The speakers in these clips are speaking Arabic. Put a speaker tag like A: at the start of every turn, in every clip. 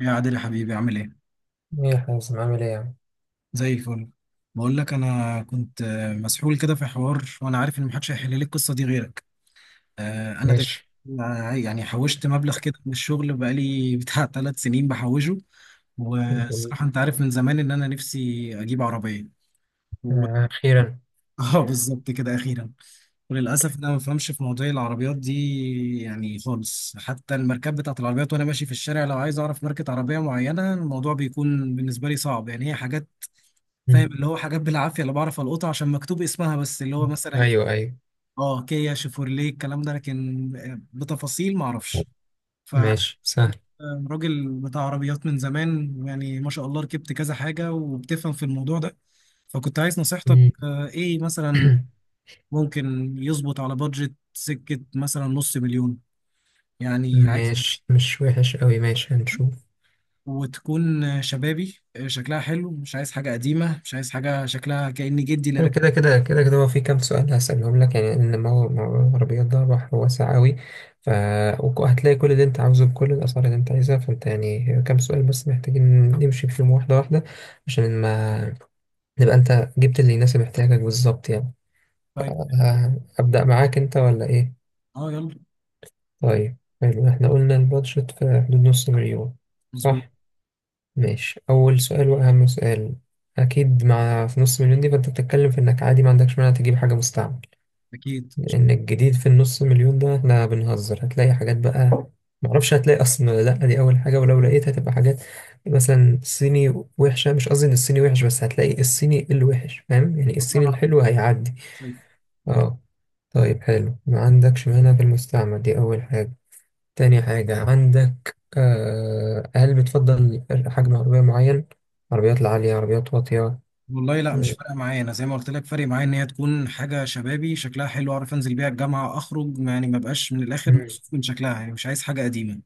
A: يا عادل يا حبيبي، عامل ايه؟
B: ايه يا حازم؟ عامل ايه يا عم؟
A: زي الفل. بقول لك انا كنت مسحول كده في حوار، وانا عارف ان محدش هيحل لي القصه دي غيرك. انا دلوقتي
B: ماشي.
A: يعني حوشت مبلغ كده من الشغل بقالي بتاع 3 سنين بحوشه.
B: جميل.
A: والصراحه انت عارف من زمان ان انا نفسي اجيب عربيه و...
B: آه، أخيرا.
A: اه، بالظبط كده اخيرا. وللاسف انا ما بفهمش في مواضيع العربيات دي يعني خالص، حتى الماركات بتاعت العربيات وانا ماشي في الشارع لو عايز اعرف ماركه عربيه معينه الموضوع بيكون بالنسبه لي صعب يعني، هي حاجات فاهم
B: مم.
A: اللي هو حاجات بالعافيه اللي بعرف القطها عشان مكتوب اسمها، بس اللي هو مثلا
B: أيوه أيوه.
A: اه كيا، شيفورليه، الكلام ده، لكن بتفاصيل ما اعرفش. ف
B: ماشي سهل.
A: راجل بتاع عربيات من زمان يعني ما شاء الله ركبت كذا حاجه وبتفهم في الموضوع ده، فكنت عايز نصيحتك.
B: مم.
A: ايه مثلا ممكن يظبط على بادجت سكه، مثلا نص مليون يعني. عايز
B: ماشي، مش وحش أوي، ماشي هنشوف.
A: وتكون شبابي، شكلها حلو، مش عايز حاجه قديمه، مش عايز حاجه شكلها كأن جدي اللي
B: حلو،
A: راكب.
B: كده هو في كام سؤال هسألهم لك، يعني إن موضوع العربيات ده بحر واسع أوي. ف وهتلاقي كل اللي أنت عاوزه بكل الأسعار اللي أنت عايزها، فأنت يعني كام سؤال بس محتاجين نمشي فيهم واحدة واحدة، عشان ما نبقى أنت جبت اللي يناسب احتياجك بالظبط يعني. ف-
A: طيب.
B: أبدأ معاك أنت ولا إيه؟
A: اه يلا.
B: طيب، حلو. احنا قلنا البادجت في حدود نص مليون،
A: مظبوط.
B: صح؟ ماشي. اول سؤال واهم سؤال، اكيد مع في نص مليون دي فانت بتتكلم في انك عادي ما عندكش مانع تجيب حاجه مستعمل،
A: اكيد.
B: لان الجديد في النص مليون ده احنا بنهزر، هتلاقي حاجات بقى، معرفش هتلاقي اصلا ولا لا، دي اول حاجه، ولو لقيت هتبقى حاجات مثلا صيني وحشه. مش قصدي ان الصيني وحش، بس هتلاقي الصيني الوحش، فاهم؟ يعني
A: شكرا
B: الصيني
A: على
B: الحلو هيعدي.
A: التوصيف.
B: اه. طيب حلو، ما عندكش مانع في المستعمل، دي اول حاجه. تاني حاجة، عندك هل بتفضل حجم عربية معين؟ عربيات العالية، عربيات واطية؟
A: والله لا، مش
B: آه،
A: فارقه معايا، انا زي ما قلت لك فارق معايا ان هي تكون حاجه شبابي، شكلها حلو، اعرف انزل بيها الجامعه اخرج يعني، ما بقاش من الاخر
B: مم.
A: مكسوف من شكلها يعني، مش عايز حاجه قديمه.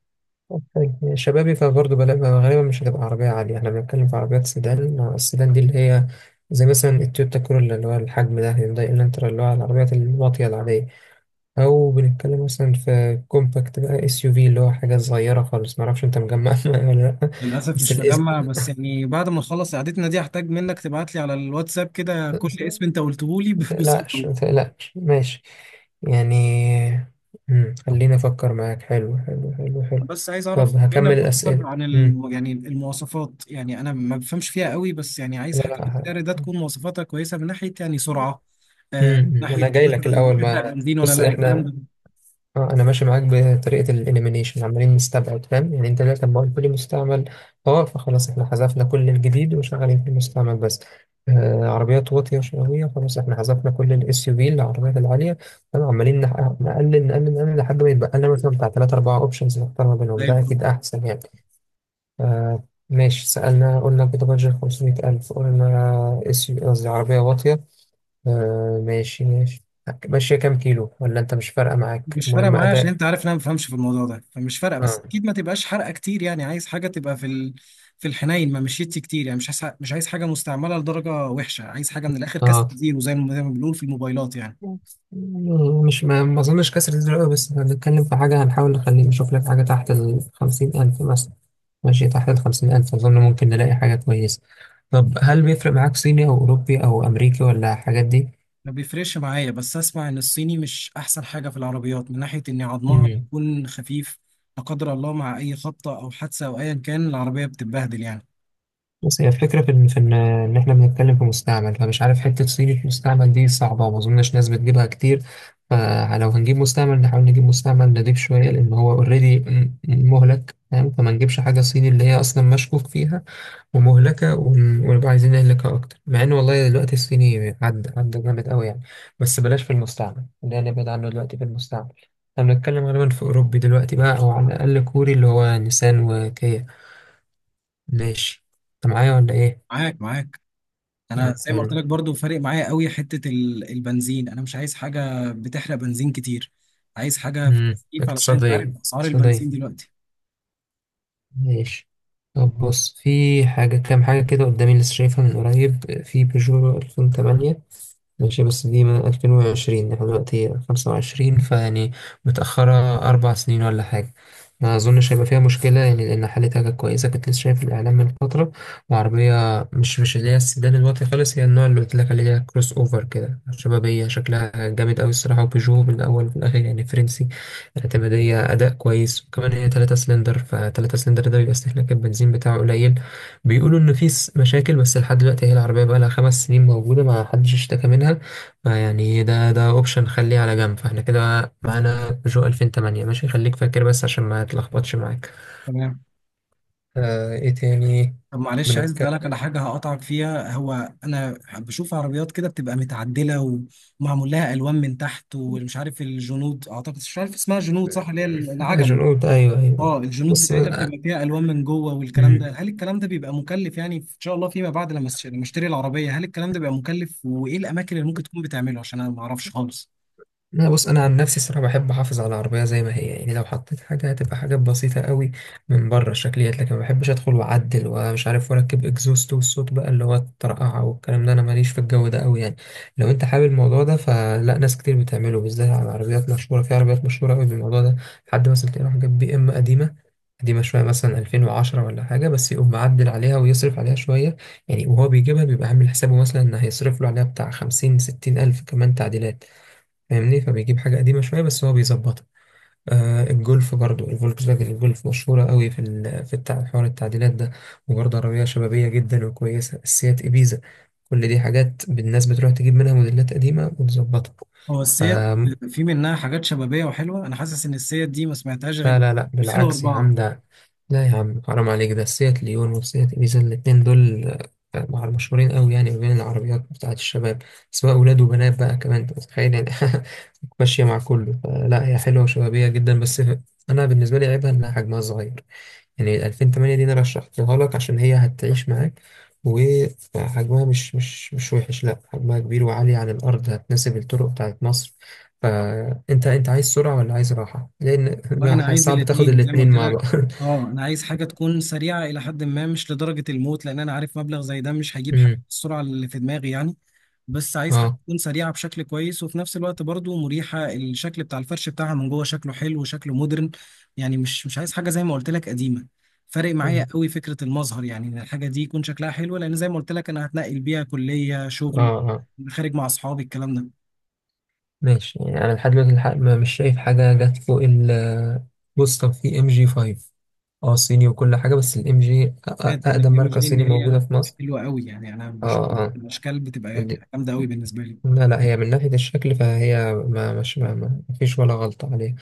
B: طيب، شبابي، فبرضه غالبا مش هتبقى عربية عالية، احنا بنتكلم في عربيات سيدان، السيدان دي اللي هي زي مثلا التويوتا كورولا، اللي هو الحجم ده، هيونداي الانترا، اللي هو العربيات الواطية العادية، أو بنتكلم مثلا في كومباكت بقى، اس يو في، اللي هو حاجة صغيرة خالص. معرفش أنت مجمع ولا لأ؟
A: للاسف
B: بس
A: مش مجمع، بس يعني بعد ما نخلص قعدتنا دي هحتاج منك تبعت لي على الواتساب كده كل
B: الاسم،
A: اسم انت قلته لي
B: ما تقلقش
A: بصوره.
B: ما تقلقش ماشي يعني. مم. خليني أفكر معاك. حلو حلو.
A: بس عايز
B: طب
A: اعرف منك
B: هكمل
A: اكتر
B: الأسئلة.
A: عن يعني المواصفات، يعني انا ما بفهمش فيها قوي، بس يعني عايز
B: لا
A: حاجه
B: لا
A: في السعر ده تكون مواصفاتها كويسه من ناحيه يعني سرعه، من
B: أنا
A: ناحيه
B: جاي لك
A: مثلا
B: الأول. ما
A: بتحرق بنزين ولا
B: بص
A: لا، الكلام
B: إحنا،
A: ده.
B: اه انا ماشي معاك بطريقه الاليمينيشن، عمالين نستبعد، فاهم؟ يعني انت دلوقتي لما قلت لي مستعمل، اه، فخلاص احنا حذفنا كل الجديد، وشغالين في المستعمل بس. آه، عربيات واطيه وشقاويه، خلاص احنا حذفنا كل الاس يو في، العربيات العاليه، فاهم؟ عمالين نقلل نقلل لحد ما يتبقى لنا مثلا بتاع 3 4 أوبشنز، نختار ما بينهم،
A: زي
B: ده
A: الفل.
B: أكيد أحسن يعني. آه. ماشي، سألنا قلنا كده بادجت 500000، قلنا اس يو، قصدي عربية واطية، آه ماشي ماشي. ماشية كام كيلو؟ ولا أنت مش فارقة معاك،
A: مش فارقه
B: المهم
A: معايا عشان
B: أداء؟
A: انت عارف ان انا ما بفهمش في الموضوع ده فمش فارقه، بس
B: آه.
A: اكيد ما تبقاش حرقه كتير يعني، عايز حاجه تبقى في في الحنين ما مشيتش كتير يعني، مش عايز حاجه مستعمله لدرجه وحشه، عايز حاجه من الاخر كاست
B: اه،
A: زيرو، زي ما بنقول في الموبايلات يعني.
B: مش ما ما اظنش كسر الزر أوي، بس احنا بنتكلم في حاجه هنحاول نخليه، نشوف لك حاجه تحت ال 50000 مثلا. ماشي، تحت ال 50000 اظن ممكن نلاقي حاجه كويسه. طب هل بيفرق معاك صيني او اوروبي او امريكي، ولا الحاجات دي؟
A: ما بيفرقش معايا، بس اسمع ان الصيني مش احسن حاجه في العربيات من ناحيه ان عظمها
B: مم.
A: بيكون خفيف، لا قدر الله مع اي خبطه او حادثه او ايا كان العربيه بتتبهدل يعني.
B: بس هي الفكره في ان في ان إن احنا بنتكلم في مستعمل، فمش عارف، حته صيني في مستعمل دي صعبه، وما اظنش ناس بتجيبها كتير. فلو هنجيب مستعمل، نحاول نجيب مستعمل نضيف شويه، لان هو اوريدي مهلك، فاهم؟ فما نجيبش حاجه صيني اللي هي اصلا مشكوك فيها ومهلكة، ونبقى عايزين نهلكها أكتر، مع إن والله دلوقتي الصيني عدى جامد أوي يعني، بس بلاش في المستعمل ده، نبعد عنه دلوقتي في المستعمل. احنا بنتكلم غالبا في أوروبي دلوقتي بقى، أو على الأقل كوري، اللي هو نيسان وكيا. ماشي. أنت معايا ولا إيه؟
A: معاك، معاك. انا
B: طب
A: زي ما قلت
B: حلو.
A: لك برضو فارق معايا قوي حته البنزين، انا مش عايز حاجه بتحرق بنزين كتير، عايز حاجه في
B: مم.
A: الخفيف علشان انت
B: اقتصادية
A: عارف اسعار البنزين
B: اقتصادية،
A: دلوقتي.
B: ماشي. طب بص، في حاجة، كام حاجة كده قدامي لسه شايفها من قريب، في بيجو 2008، ماشي بس دي من 2020، احنا دلوقتي 25، فيعني متأخرة 4 سنين ولا حاجة. ما أظنش هيبقى فيها مشكلة يعني، لأن حالتها كانت كويسة، كنت لسه شايف الإعلان من فترة، وعربية مش مش اللي هي السيدان الواطي خالص، هي النوع اللي قلت لك عليه، اللي هي كروس أوفر كده، شبابية، شكلها جامد أوي الصراحة، وبيجو من الأول وفي الآخر يعني فرنسي، اعتمادية، أداء كويس، وكمان هي تلاتة سلندر، فتلاتة سلندر ده بيبقى استهلاك البنزين بتاعه قليل. بيقولوا ان في مشاكل، بس لحد دلوقتي هي العربيه بقى لها 5 سنين موجوده ما حدش اشتكى منها. فيعني ده اوبشن، خليه على جنب، فاحنا كده معانا بيجو 2008، ماشي خليك فاكر بس عشان ما تلخبطش معاك.
A: تمام.
B: آه، ايه تاني؟
A: طب معلش عايز اسالك
B: بنتكلم،
A: على حاجه هقطعك فيها، هو انا بشوف عربيات كده بتبقى متعدله ومعمول لها الوان من تحت، ومش عارف الجنود اعتقد، مش عارف اسمها جنود صح؟ اللي هي
B: اجل؟
A: العجل.
B: قلت ايوه ايوه.
A: اه الجنود
B: بص،
A: بتاعتها
B: آه.
A: بتبقى فيها الوان من جوه والكلام ده، هل الكلام ده بيبقى مكلف يعني ان شاء الله فيما بعد لما لما اشتري العربيه، هل الكلام ده بيبقى مكلف وايه الاماكن اللي ممكن تكون بتعمله، عشان انا ما اعرفش خالص.
B: لا بص، انا عن نفسي الصراحه بحب احافظ على العربيه زي ما هي، يعني لو حطيت حاجه هتبقى حاجات بسيطه قوي من بره، الشكليات، لكن ما بحبش ادخل واعدل ومش عارف واركب اكزوست والصوت بقى اللي هو الطرقعه والكلام ده، انا ماليش في الجو ده قوي يعني. لو انت حابب الموضوع ده فلا، ناس كتير بتعمله، بالذات على عربيات مشهوره، في عربيات مشهوره قوي بالموضوع ده. حد مثلا تلاقيه راح جاب بي ام قديمه، قديمة شوية مثلا 2010 ولا حاجة، بس يقوم معدل عليها ويصرف عليها شوية يعني، وهو بيجيبها بيبقى عامل حسابه مثلا إن هيصرف له عليها بتاع 50 60 ألف كمان تعديلات، فاهمني؟ فبيجيب حاجة قديمة شوية بس هو بيظبطها. آه، الجولف برضو، الفولكس فاجن الجولف مشهورة قوي في حوار التعديلات ده، وبرضه عربية شبابية جدا وكويسة، السيات إبيزا، كل دي حاجات الناس بتروح تجيب منها موديلات قديمة وتظبطها.
A: هو السيات في منها حاجات شبابيه وحلوه؟ انا حاسس ان السيات دي ما سمعتهاش
B: لا
A: غير
B: لا لا بالعكس يا
A: 2004.
B: عم ده، لا يا عم حرام عليك، ده سيات ليون وسيات إبيزا الاتنين دول مشهورين قوي يعني، ما بين العربيات بتاعة الشباب، سواء أولاد وبنات بقى، كمان أنت متخيل يعني ماشية مع كله. لا هي حلوة وشبابية جدا، بس أنا بالنسبة لي عيبها إنها حجمها صغير. يعني 2008 دي انا رشحتها لك عشان هي هتعيش معاك، وحجمها مش وحش، لا حجمها كبير وعالي عن الارض، هتناسب الطرق بتاعت مصر. انت عايز سرعة ولا عايز راحة؟ لان
A: والله انا
B: بقى
A: عايز
B: صعب تاخد
A: الاثنين زي ما
B: الاتنين
A: قلت
B: مع
A: لك،
B: بعض
A: اه انا عايز حاجه تكون سريعه الى حد ما، مش لدرجه الموت لان انا عارف مبلغ زي ده مش هجيب حاجه
B: امم.
A: بالسرعه اللي في دماغي يعني. بس عايز حاجة
B: اه.
A: تكون سريعة بشكل كويس، وفي نفس الوقت برضو مريحة، الشكل بتاع الفرش بتاعها من جوه شكله حلو وشكله مودرن يعني، مش عايز حاجة زي ما قلت لك قديمة. فارق
B: اه.
A: معايا قوي فكرة المظهر، يعني ان الحاجة دي يكون شكلها حلو لان زي ما قلت لك انا هتنقل بيها كلية، شغل،
B: اه.
A: خارج مع اصحابي، الكلام ده.
B: ماشي، يعني انا لحد دلوقتي الحق مش شايف حاجة جت فوق ال، بص طب في ام جي 5، اه صيني وكل حاجة، بس الام جي
A: بجد انا
B: اقدم
A: جاي، مش
B: ماركة
A: جاي ان
B: صيني موجودة
A: هي
B: في مصر.
A: حلوة قوي يعني، انا بشوف
B: اه. اه.
A: الاشكال بتبقى جامدة قوي بالنسبة لي.
B: لا لا، هي من ناحية الشكل فهي ما مش ما ما ما فيش ولا غلطة عليه،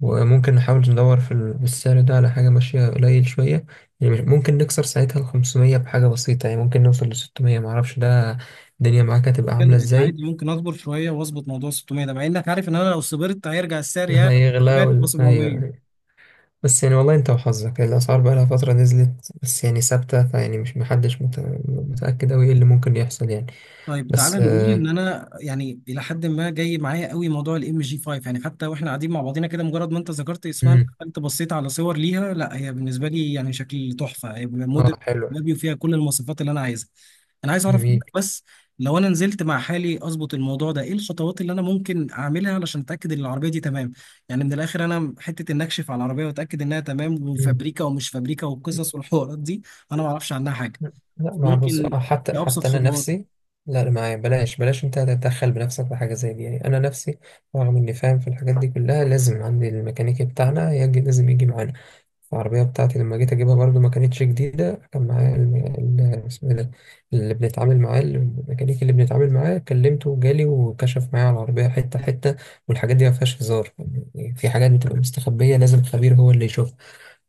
B: وممكن نحاول ندور في السعر ده على حاجة ماشية قليل شوية، ممكن نكسر ساعتها ال 500 بحاجة بسيطة، يعني ممكن نوصل ل 600، معرفش ده الدنيا معاك هتبقى
A: كده
B: عاملة
A: يعني
B: ازاي.
A: عادي، ممكن اصبر شوية واظبط موضوع 600 ده، مع انك عارف ان انا لو صبرت هيرجع السعر يا
B: هيغلى
A: 700 تبقى
B: وال... أيوه
A: 700.
B: أيوه. بس يعني والله انت وحظك، الأسعار بقى لها فترة نزلت بس يعني ثابتة، فيعني مش، محدش مت... متأكد أوي ايه اللي ممكن يحصل يعني.
A: طيب
B: بس
A: تعالى نقول ان
B: اه,
A: انا يعني الى حد ما جاي معايا قوي موضوع الام جي 5 يعني، حتى واحنا قاعدين مع بعضينا كده مجرد ما انت ذكرت اسمها انا
B: مم.
A: دخلت بصيت على صور ليها، لا هي بالنسبه لي يعني شكل تحفه، هي
B: آه
A: موديل
B: حلو.
A: شبابي وفيها كل المواصفات اللي انا عايزها. انا عايز اعرف منك
B: جميل.
A: بس لو انا نزلت مع حالي اظبط الموضوع ده، ايه الخطوات اللي انا ممكن اعملها علشان اتاكد ان العربيه دي تمام، يعني من الاخر انا حته ان اكشف على العربيه واتاكد انها تمام،
B: مم.
A: وفابريكا ومش فابريكا والقصص والحوارات دي، انا ما اعرفش عنها حاجه.
B: لا، ما بص،
A: ممكن
B: حتى
A: ايه ابسط
B: حتى انا
A: خطوات؟
B: نفسي، لا ما بلاش بلاش انت تتدخل بنفسك في حاجه زي دي يعني، انا نفسي رغم اني فاهم في الحاجات دي كلها، لازم عندي الميكانيكي بتاعنا يجي، لازم يجي معانا. العربيه بتاعتي لما جيت اجيبها برضو ما كانتش جديده، كان معايا اسمه إيه ده، اللي بنتعامل معاه، الميكانيكي اللي بنتعامل معاه، كلمته وجالي وكشف معايا على العربيه حته حته، والحاجات دي ما فيهاش هزار يعني، في حاجات بتبقى مستخبيه لازم خبير هو اللي يشوفها،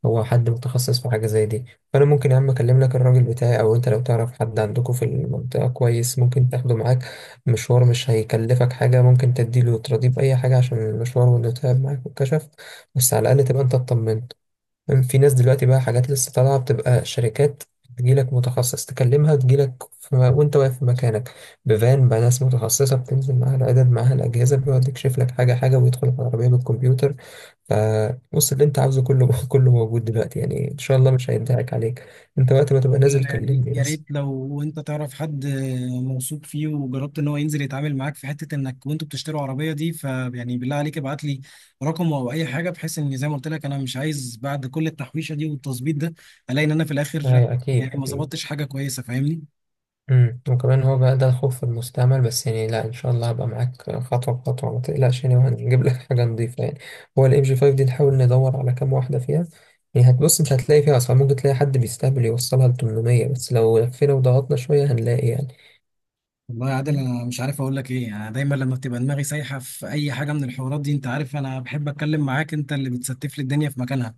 B: هو حد متخصص في حاجة زي دي. فأنا ممكن يا عم أكلم لك الراجل بتاعي، أو أنت لو تعرف حد عندكم في المنطقة كويس ممكن تاخده معاك مشوار، مش هيكلفك حاجة، ممكن تديله تراضيه بأي حاجة عشان المشوار وإنه تعب معاك والكشف، بس على الأقل تبقى أنت اطمنت. في ناس دلوقتي بقى، حاجات لسه طالعة، بتبقى شركات تجيلك متخصص، تكلمها تجيلك وأنت واقف في مكانك بفان بقى، ناس متخصصة بتنزل معاها العدد معاها الأجهزة، بيقعد يكشف لك حاجة حاجة ويدخل العربية بالكمبيوتر. فبص، اللي انت عاوزه كله كله موجود دلوقتي، يعني ان شاء الله مش هينتهك عليك، انت وقت ما تبقى نازل
A: يعني
B: كلمني
A: يا
B: بس.
A: ريت لو انت تعرف حد موثوق فيه وجربت ان هو ينزل يتعامل معاك في حته انك وانتوا بتشتروا عربيه دي، فيعني بالله عليك ابعت لي رقمه او اي حاجه، بحيث ان زي ما قلت لك انا مش عايز بعد كل التحويشه دي والتظبيط ده الاقي ان انا في الاخر
B: ايوه
A: يعني
B: اكيد
A: ما
B: اكيد.
A: ظبطتش حاجه كويسه، فاهمني؟
B: امم. وكمان هو بقى ده الخوف في المستعمل، بس يعني لا ان شاء الله هبقى معاك خطوه بخطوه، ما تقلقش يعني، وهنجيب لك حاجه نظيفه يعني. هو الام جي 5 دي نحاول ندور على كام واحده فيها، يعني هتبص انت هتلاقي فيها اسعار، ممكن تلاقي حد بيستهبل يوصلها ل 800، بس لو لفينا وضغطنا شويه هنلاقي يعني.
A: والله يا عادل
B: مم.
A: انا مش عارف اقول لك ايه، يعني انا دايما لما بتبقى دماغي سايحه في اي حاجه من الحوارات دي انت عارف انا بحب اتكلم معاك، انت اللي بتستف لي الدنيا في مكانها،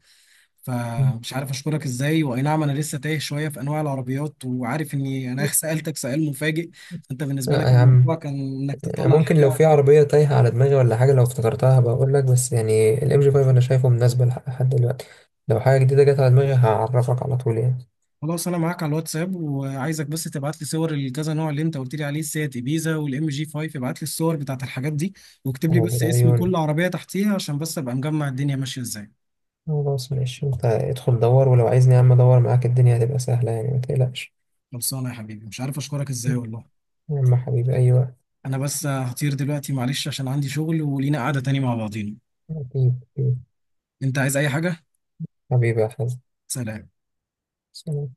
A: فمش عارف اشكرك ازاي. واي نعم انا لسه تايه شويه في انواع العربيات، وعارف اني انا سالتك سؤال مفاجئ، انت بالنسبه لك
B: آه يا
A: الموضوع
B: عم،
A: كان انك
B: يعني
A: تطلع
B: ممكن لو
A: حاجه.
B: في عربية تايهة على دماغي ولا حاجة لو افتكرتها بقول لك، بس يعني الام جي 5 انا شايفه مناسبة لحد دلوقتي، لو حاجة جديدة جت على دماغي هعرفك على طول يعني.
A: خلاص، انا معاك على الواتساب وعايزك بس تبعت لي صور الكذا نوع اللي انت قلت لي عليه، السيات ابيزا والام جي 5، ابعت لي الصور بتاعت الحاجات دي، واكتب لي بس
B: هو
A: اسم كل
B: عيوني.
A: عربيه تحتيها عشان بس ابقى مجمع الدنيا ماشيه ازاي.
B: خلاص ماشي، انت ادخل دور، ولو عايزني يا عم ادور معاك، الدنيا هتبقى سهلة يعني ما تقلقش.
A: خلصانه يا حبيبي، مش عارف اشكرك ازاي والله.
B: يا عم حبيبي، ايوه
A: انا بس هطير دلوقتي معلش عشان عندي شغل، ولينا قعده تاني مع بعضينا.
B: اكيد أكيد.
A: انت عايز اي حاجه؟
B: حبيبي، يا حبيبي،
A: سلام.
B: سلام.